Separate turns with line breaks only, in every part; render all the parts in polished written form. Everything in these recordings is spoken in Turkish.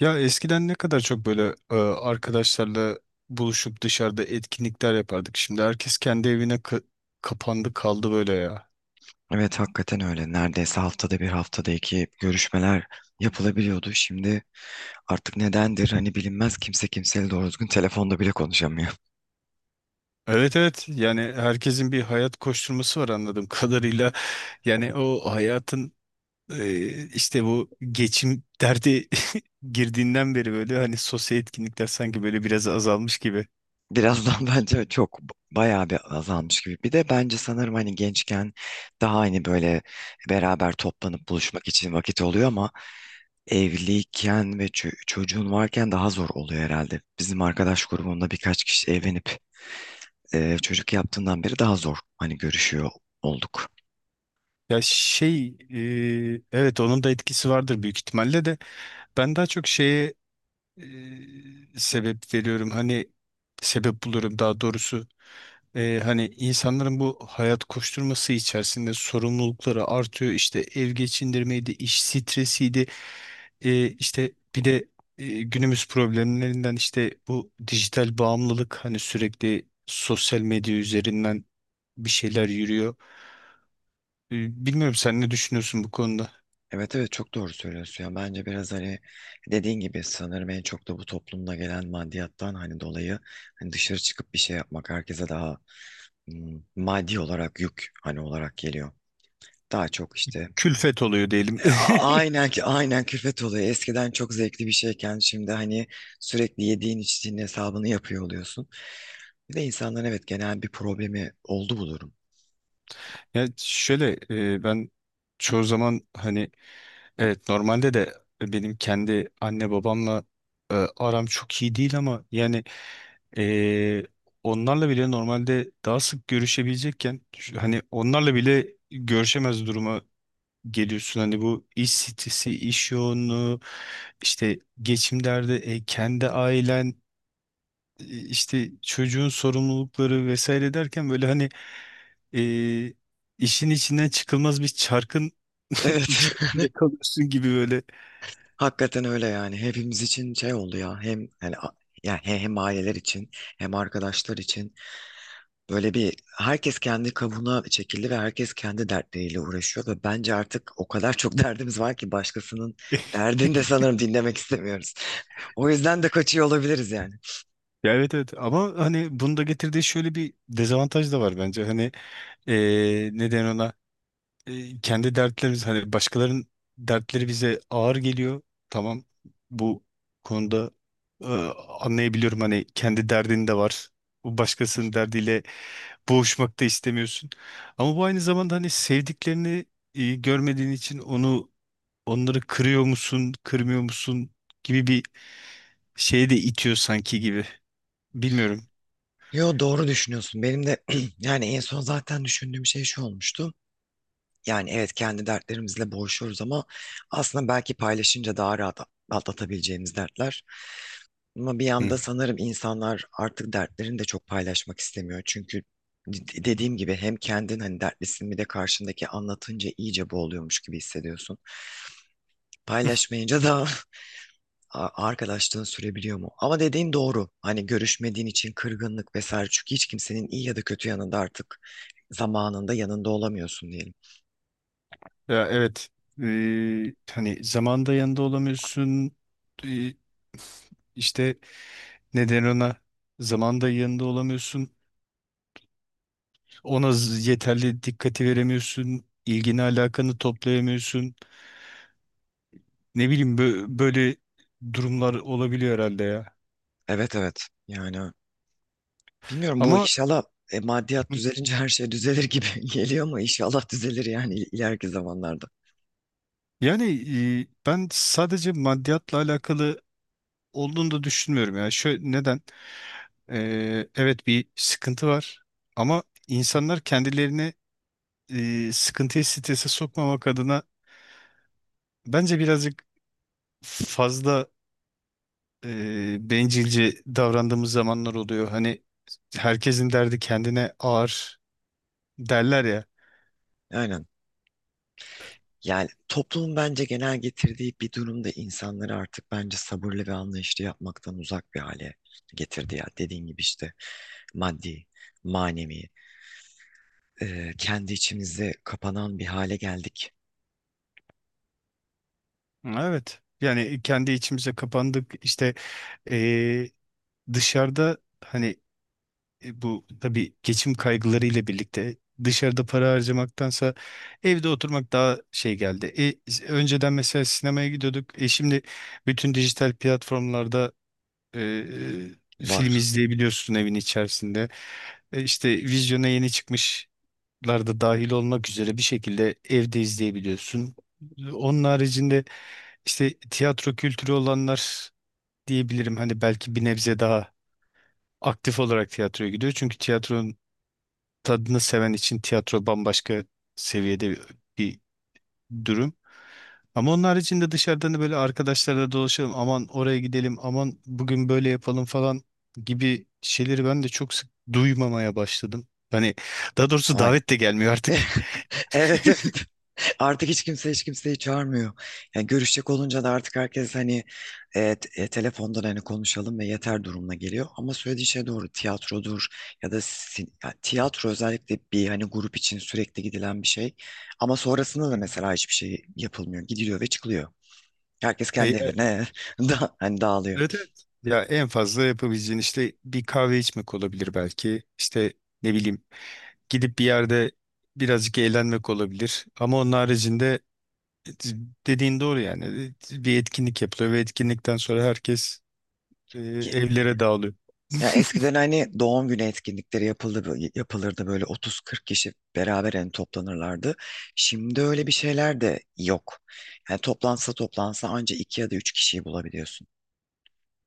Ya eskiden ne kadar çok böyle arkadaşlarla buluşup dışarıda etkinlikler yapardık. Şimdi herkes kendi evine kapandı kaldı böyle ya.
Evet hakikaten öyle. Neredeyse haftada bir, haftada iki görüşmeler yapılabiliyordu. Şimdi artık nedendir hani bilinmez, kimse kimseyle doğru düzgün telefonda bile konuşamıyor.
Evet, evet, yani herkesin bir hayat koşturması var anladığım kadarıyla. Yani o hayatın, işte bu geçim derdi girdiğinden beri böyle hani sosyal etkinlikler sanki böyle biraz azalmış gibi.
Birazdan bence çok bayağı bir azalmış gibi. Bir de bence sanırım hani gençken daha hani böyle beraber toplanıp buluşmak için vakit oluyor, ama evliyken ve çocuğun varken daha zor oluyor herhalde. Bizim arkadaş grubunda birkaç kişi evlenip çocuk yaptığından beri daha zor hani görüşüyor olduk.
Ya şey, evet onun da etkisi vardır büyük ihtimalle de ben daha çok şeye sebep veriyorum. Hani sebep buluyorum daha doğrusu. Hani insanların bu hayat koşturması içerisinde sorumlulukları artıyor. İşte ev geçindirmeydi, iş stresiydi. E, işte bir de günümüz problemlerinden işte bu dijital bağımlılık, hani sürekli sosyal medya üzerinden bir şeyler yürüyor. Bilmiyorum sen ne düşünüyorsun bu konuda?
Evet, evet, çok doğru söylüyorsun ya, bence biraz hani dediğin gibi sanırım en çok da bu toplumda gelen maddiyattan hani dolayı hani dışarı çıkıp bir şey yapmak herkese daha maddi olarak yük hani olarak geliyor. Daha çok işte
Külfet oluyor diyelim.
e, a- aynen ki aynen külfet oluyor. Eskiden çok zevkli bir şeyken şimdi hani sürekli yediğin içtiğin hesabını yapıyor oluyorsun. Bir de insanların evet genel bir problemi oldu bu durum.
Ya şöyle, ben çoğu zaman hani... Evet, normalde de benim kendi anne babamla aram çok iyi değil ama yani, e, onlarla bile normalde daha sık görüşebilecekken, hani onlarla bile görüşemez duruma geliyorsun. Hani bu iş stresi, iş yoğunluğu, işte geçim derdi, kendi ailen, işte çocuğun sorumlulukları vesaire derken böyle hani e, işin içinden çıkılmaz bir çarkın
Evet.
içerisinde kalıyorsun gibi böyle.
Hakikaten öyle yani. Hepimiz için şey oldu ya. Hem yani a- yani he- hem aileler için hem arkadaşlar için böyle bir, herkes kendi kabuğuna çekildi ve herkes kendi dertleriyle uğraşıyor ve bence artık o kadar çok derdimiz var ki başkasının derdini de sanırım dinlemek istemiyoruz. O yüzden de kaçıyor olabiliriz yani.
Ya, evet, evet, ama hani bunu da getirdiği şöyle bir dezavantaj da var bence. Hani neden ona. Kendi dertlerimiz, hani başkalarının dertleri bize ağır geliyor. Tamam, bu konuda, eee, anlayabiliyorum, hani kendi derdin de var. Bu başkasının derdiyle boğuşmak da istemiyorsun. Ama bu aynı zamanda hani sevdiklerini görmediğin için onları kırıyor musun, kırmıyor musun gibi bir şeye de itiyor sanki gibi. Bilmiyorum.
Yo, doğru düşünüyorsun. Benim de yani en son zaten düşündüğüm şey şu olmuştu. Yani evet, kendi dertlerimizle boğuşuyoruz, ama aslında belki paylaşınca daha rahat atlatabileceğimiz dertler. Ama bir yanda sanırım insanlar artık dertlerini de çok paylaşmak istemiyor. Çünkü dediğim gibi hem kendin hani dertlisin, bir de karşındaki anlatınca iyice boğuluyormuş gibi hissediyorsun. Paylaşmayınca da arkadaşlığın sürebiliyor mu? Ama dediğin doğru. Hani görüşmediğin için kırgınlık vesaire. Çünkü hiç kimsenin iyi ya da kötü yanında artık zamanında yanında olamıyorsun diyelim.
Ya, evet. Hani zamanda yanında olamıyorsun. Ee, işte neden ona zamanda yanında olamıyorsun. Ona yeterli dikkati veremiyorsun. İlgini alakanı toplayamıyorsun. Ne bileyim böyle durumlar olabiliyor herhalde ya.
Evet, evet yani. Bilmiyorum, bu
Ama
inşallah maddiyat
hı,
düzelince her şey düzelir gibi geliyor, ama inşallah düzelir yani ileriki zamanlarda.
yani, ben sadece maddiyatla alakalı olduğunu da düşünmüyorum ya. Şöyle neden? Evet, bir sıkıntı var ama insanlar kendilerine, sıkıntıyı strese sokmamak adına, bence birazcık fazla bencilce davrandığımız zamanlar oluyor. Hani herkesin derdi kendine ağır derler ya.
Aynen. Yani toplumun bence genel getirdiği bir durumda insanları artık bence sabırlı ve anlayışlı yapmaktan uzak bir hale getirdi ya. Dediğin gibi işte maddi, manevi, kendi içimize kapanan bir hale geldik.
Evet. Yani kendi içimize kapandık. İşte e, dışarıda, hani bu tabii geçim kaygılarıyla birlikte dışarıda para harcamaktansa evde oturmak daha şey geldi. Önceden mesela sinemaya gidiyorduk. Şimdi bütün dijital platformlarda, Ee, film
Var.
izleyebiliyorsun evin içerisinde. E, işte vizyona yeni çıkmışlar da dahil olmak üzere bir şekilde evde izleyebiliyorsun. Onun haricinde işte tiyatro kültürü olanlar diyebilirim. Hani belki bir nebze daha aktif olarak tiyatroya gidiyor. Çünkü tiyatronun tadını seven için tiyatro bambaşka seviyede bir durum. Ama onun haricinde, dışarıdan da böyle arkadaşlarla dolaşalım, aman oraya gidelim, aman bugün böyle yapalım falan gibi şeyleri ben de çok sık duymamaya başladım. Hani daha doğrusu
Aynen.
davet de gelmiyor artık.
Evet, evet. Artık hiç kimse hiç kimseyi çağırmıyor. Yani görüşecek olunca da artık herkes hani telefondan hani konuşalım ve yeter durumuna geliyor. Ama söylediği şey doğru. Tiyatrodur ya da ya tiyatro özellikle bir hani grup için sürekli gidilen bir şey. Ama sonrasında da
Hı.
mesela hiçbir şey yapılmıyor. Gidiliyor ve çıkılıyor. Herkes
E,
kendi
e,
evine da hani dağılıyor.
Evet, evet. Ya en fazla yapabileceğin işte bir kahve içmek olabilir belki. İşte, ne bileyim, gidip bir yerde birazcık eğlenmek olabilir. Ama onun haricinde dediğin doğru yani. Bir etkinlik yapılıyor ve etkinlikten sonra herkes evlere dağılıyor.
Ya, eskiden hani doğum günü etkinlikleri yapılırdı, böyle 30-40 kişi beraber hani toplanırlardı. Şimdi öyle bir şeyler de yok. Yani toplansa toplansa anca 2 ya da 3 kişiyi bulabiliyorsun.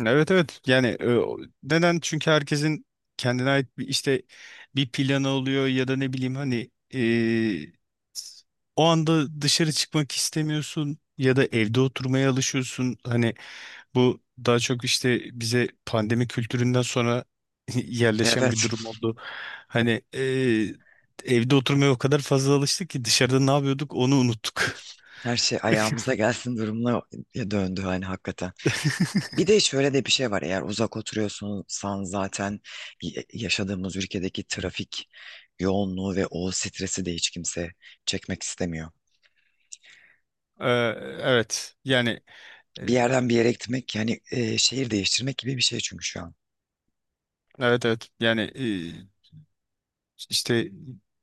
Evet, evet, yani, neden, çünkü herkesin kendine ait bir, işte bir planı oluyor ya da ne bileyim hani, o anda dışarı çıkmak istemiyorsun ya da evde oturmaya alışıyorsun. Hani bu daha çok işte bize pandemi kültüründen sonra yerleşen bir
Evet,
durum oldu. Hani evde oturmaya o kadar fazla alıştık ki dışarıda ne yapıyorduk onu unuttuk.
her şey ayağımıza gelsin durumuna döndü hani hakikaten. Bir de şöyle de bir şey var. Eğer uzak oturuyorsan zaten yaşadığımız ülkedeki trafik yoğunluğu ve o stresi de hiç kimse çekmek istemiyor.
Ee, evet. Yani, e,
Bir yerden bir yere gitmek yani şehir değiştirmek gibi bir şey çünkü şu an.
evet, evet, yani, İşte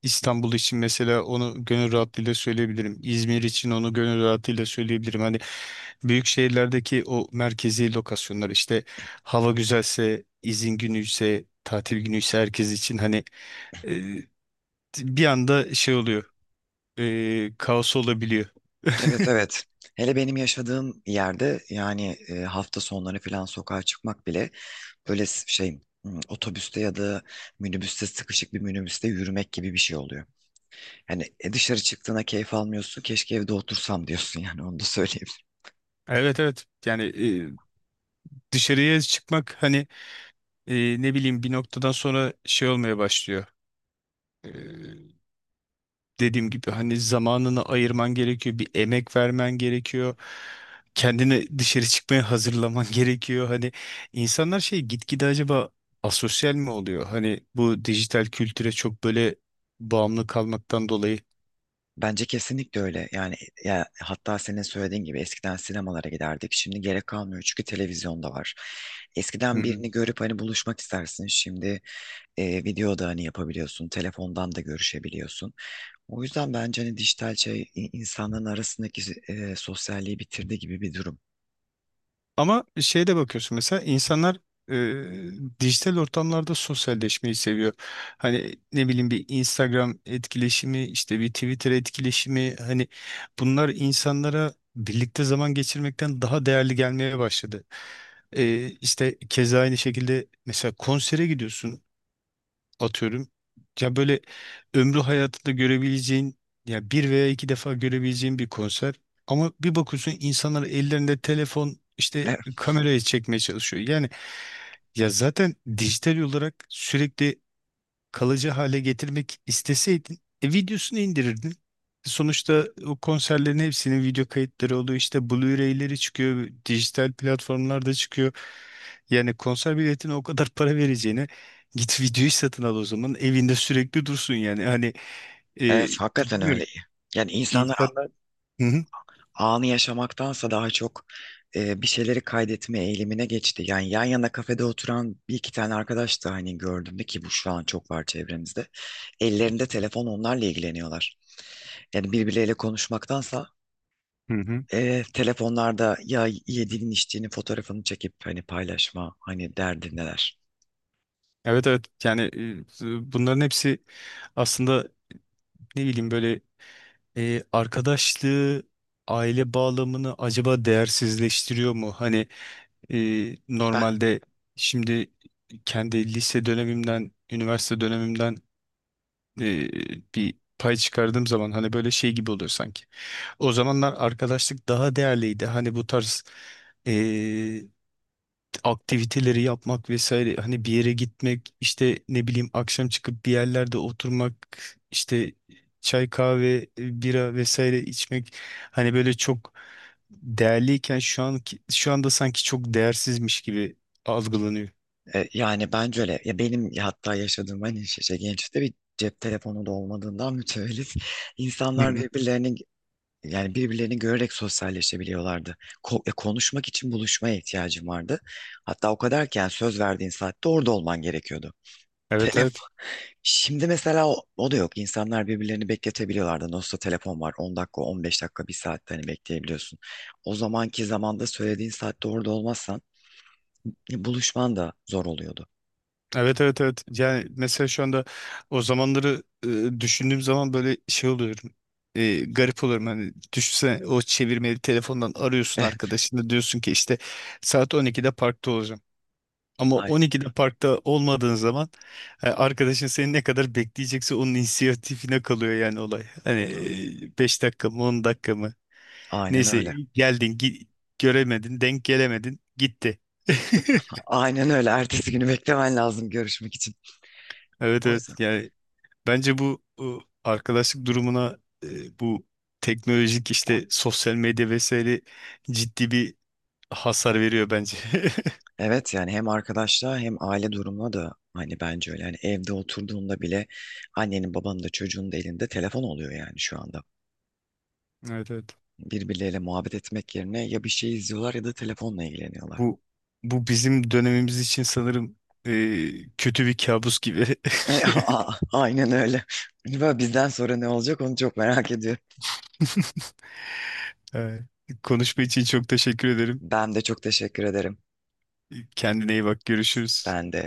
İstanbul için mesela onu gönül rahatlığıyla söyleyebilirim. İzmir için onu gönül rahatlığıyla söyleyebilirim. Hani büyük şehirlerdeki o merkezi lokasyonlar, işte hava güzelse, izin günüyse, tatil günüyse, herkes için hani e, bir anda şey oluyor. Kaos olabiliyor.
Evet, evet. Hele benim yaşadığım yerde yani hafta sonları falan sokağa çıkmak bile böyle şey, otobüste ya da minibüste, sıkışık bir minibüste yürümek gibi bir şey oluyor. Hani dışarı çıktığına keyif almıyorsun. Keşke evde otursam diyorsun, yani onu da söyleyeyim.
Evet, evet, yani dışarıya çıkmak, hani ne bileyim, bir noktadan sonra şey olmaya başlıyor. E, dediğim gibi hani zamanını ayırman gerekiyor, bir emek vermen gerekiyor. Kendini dışarı çıkmaya hazırlaman gerekiyor. Hani insanlar şey, gitgide acaba asosyal mi oluyor? Hani bu dijital kültüre çok böyle bağımlı kalmaktan dolayı.
Bence kesinlikle öyle. Yani ya, hatta senin söylediğin gibi eskiden sinemalara giderdik. Şimdi gerek kalmıyor çünkü televizyonda var. Eskiden birini görüp hani buluşmak istersin. Şimdi video da hani yapabiliyorsun, telefondan da görüşebiliyorsun. O yüzden bence hani dijital şey insanların arasındaki sosyalliği bitirdi gibi bir durum.
Ama şeye de bakıyorsun, mesela insanlar dijital ortamlarda sosyalleşmeyi seviyor. Hani ne bileyim, bir Instagram etkileşimi, işte bir Twitter etkileşimi, hani bunlar insanlara birlikte zaman geçirmekten daha değerli gelmeye başladı. E, işte keza aynı şekilde, mesela konsere gidiyorsun, atıyorum. Ya böyle, ömrü hayatında görebileceğin, ya bir veya iki defa görebileceğin bir konser. Ama bir bakıyorsun insanlar ellerinde telefon işte
Evet,
kameraya çekmeye çalışıyor. Yani ya zaten dijital olarak sürekli kalıcı hale getirmek isteseydin, videosunu indirirdin. Sonuçta o konserlerin hepsinin video kayıtları oluyor. İşte Blu-ray'leri çıkıyor, dijital platformlarda çıkıyor. Yani konser biletine o kadar para vereceğine git videoyu satın al o zaman. Evinde sürekli dursun yani. Hani e,
evet, hakikaten
bilmiyorum,
öyle. Yani insanlar
insanlar... Hı hı.
anı yaşamaktansa daha çok bir şeyleri kaydetme eğilimine geçti. Yani yan yana kafede oturan bir iki tane arkadaş da hani gördüm de ki bu şu an çok var çevremizde. Ellerinde telefon, onlarla ilgileniyorlar. Yani birbirleriyle konuşmaktansa
Hı hı.
telefonlarda ya yediğinin içtiğinin fotoğrafını çekip hani paylaşma hani derdindeler.
Evet, evet, yani bunların hepsi aslında, ne bileyim, böyle... Arkadaşlığı, aile bağlamını acaba değersizleştiriyor mu? Hani e,
Ben
normalde, şimdi, kendi lise dönemimden, üniversite dönemimden e, bir pay çıkardığım zaman hani böyle şey gibi oluyor sanki. O zamanlar arkadaşlık daha değerliydi. Hani bu tarz e, aktiviteleri yapmak vesaire, hani bir yere gitmek, işte ne bileyim, akşam çıkıp bir yerlerde oturmak, işte çay, kahve, bira vesaire içmek, hani böyle çok değerliyken, şu anda sanki çok değersizmiş gibi algılanıyor.
yani bence öyle. Ya, benim hatta yaşadığım hani şey, şey, gençlikte bir cep telefonu da olmadığından mütevellit
Hı
insanlar
hı.
birbirlerini, yani birbirlerini görerek sosyalleşebiliyorlardı. Konuşmak için buluşmaya ihtiyacım vardı. Hatta o kadar ki, yani söz verdiğin saatte orada olman gerekiyordu.
Evet, evet.
Şimdi mesela o, o da yok. İnsanlar birbirlerini bekletebiliyorlardı. Nasılsa telefon var. 10 dakika, 15 dakika, bir saatte hani bekleyebiliyorsun. O zamanki zamanda söylediğin saatte orada olmazsan buluşman da zor oluyordu.
Evet, evet, evet. Yani mesela şu anda o zamanları düşündüğüm zaman böyle şey oluyorum. Garip oluyorum. Hani düşünsene, o çevirmeli telefondan arıyorsun
Eh,
arkadaşını, diyorsun ki işte saat 12'de parkta olacağım. Ama
ay-
12'de parkta olmadığın zaman, arkadaşın seni ne kadar bekleyecekse onun inisiyatifine kalıyor yani olay. Hani 5 dakika mı, 10 dakika mı,
aynen
neyse,
öyle.
geldin, göremedin, denk gelemedin, gitti.
Aynen öyle. Ertesi günü beklemen lazım görüşmek için.
Evet,
O yüzden.
evet, yani, bence bu arkadaşlık durumuna bu teknolojik işte sosyal medya vesaire ciddi bir hasar veriyor bence.
Evet yani hem arkadaşlığa hem aile durumuna da hani bence öyle. Yani evde oturduğunda bile annenin babanın da çocuğun da elinde telefon oluyor yani şu anda.
Evet, evet.
Birbirleriyle muhabbet etmek yerine ya bir şey izliyorlar ya da telefonla ilgileniyorlar.
Bu bu bizim dönemimiz için sanırım kötü bir kabus gibi.
E, a- Aynen öyle. Böyle bizden sonra ne olacak onu çok merak ediyorum.
Evet. Konuşma için çok teşekkür ederim.
Ben de çok teşekkür ederim.
Kendine iyi bak, görüşürüz.
Sen de.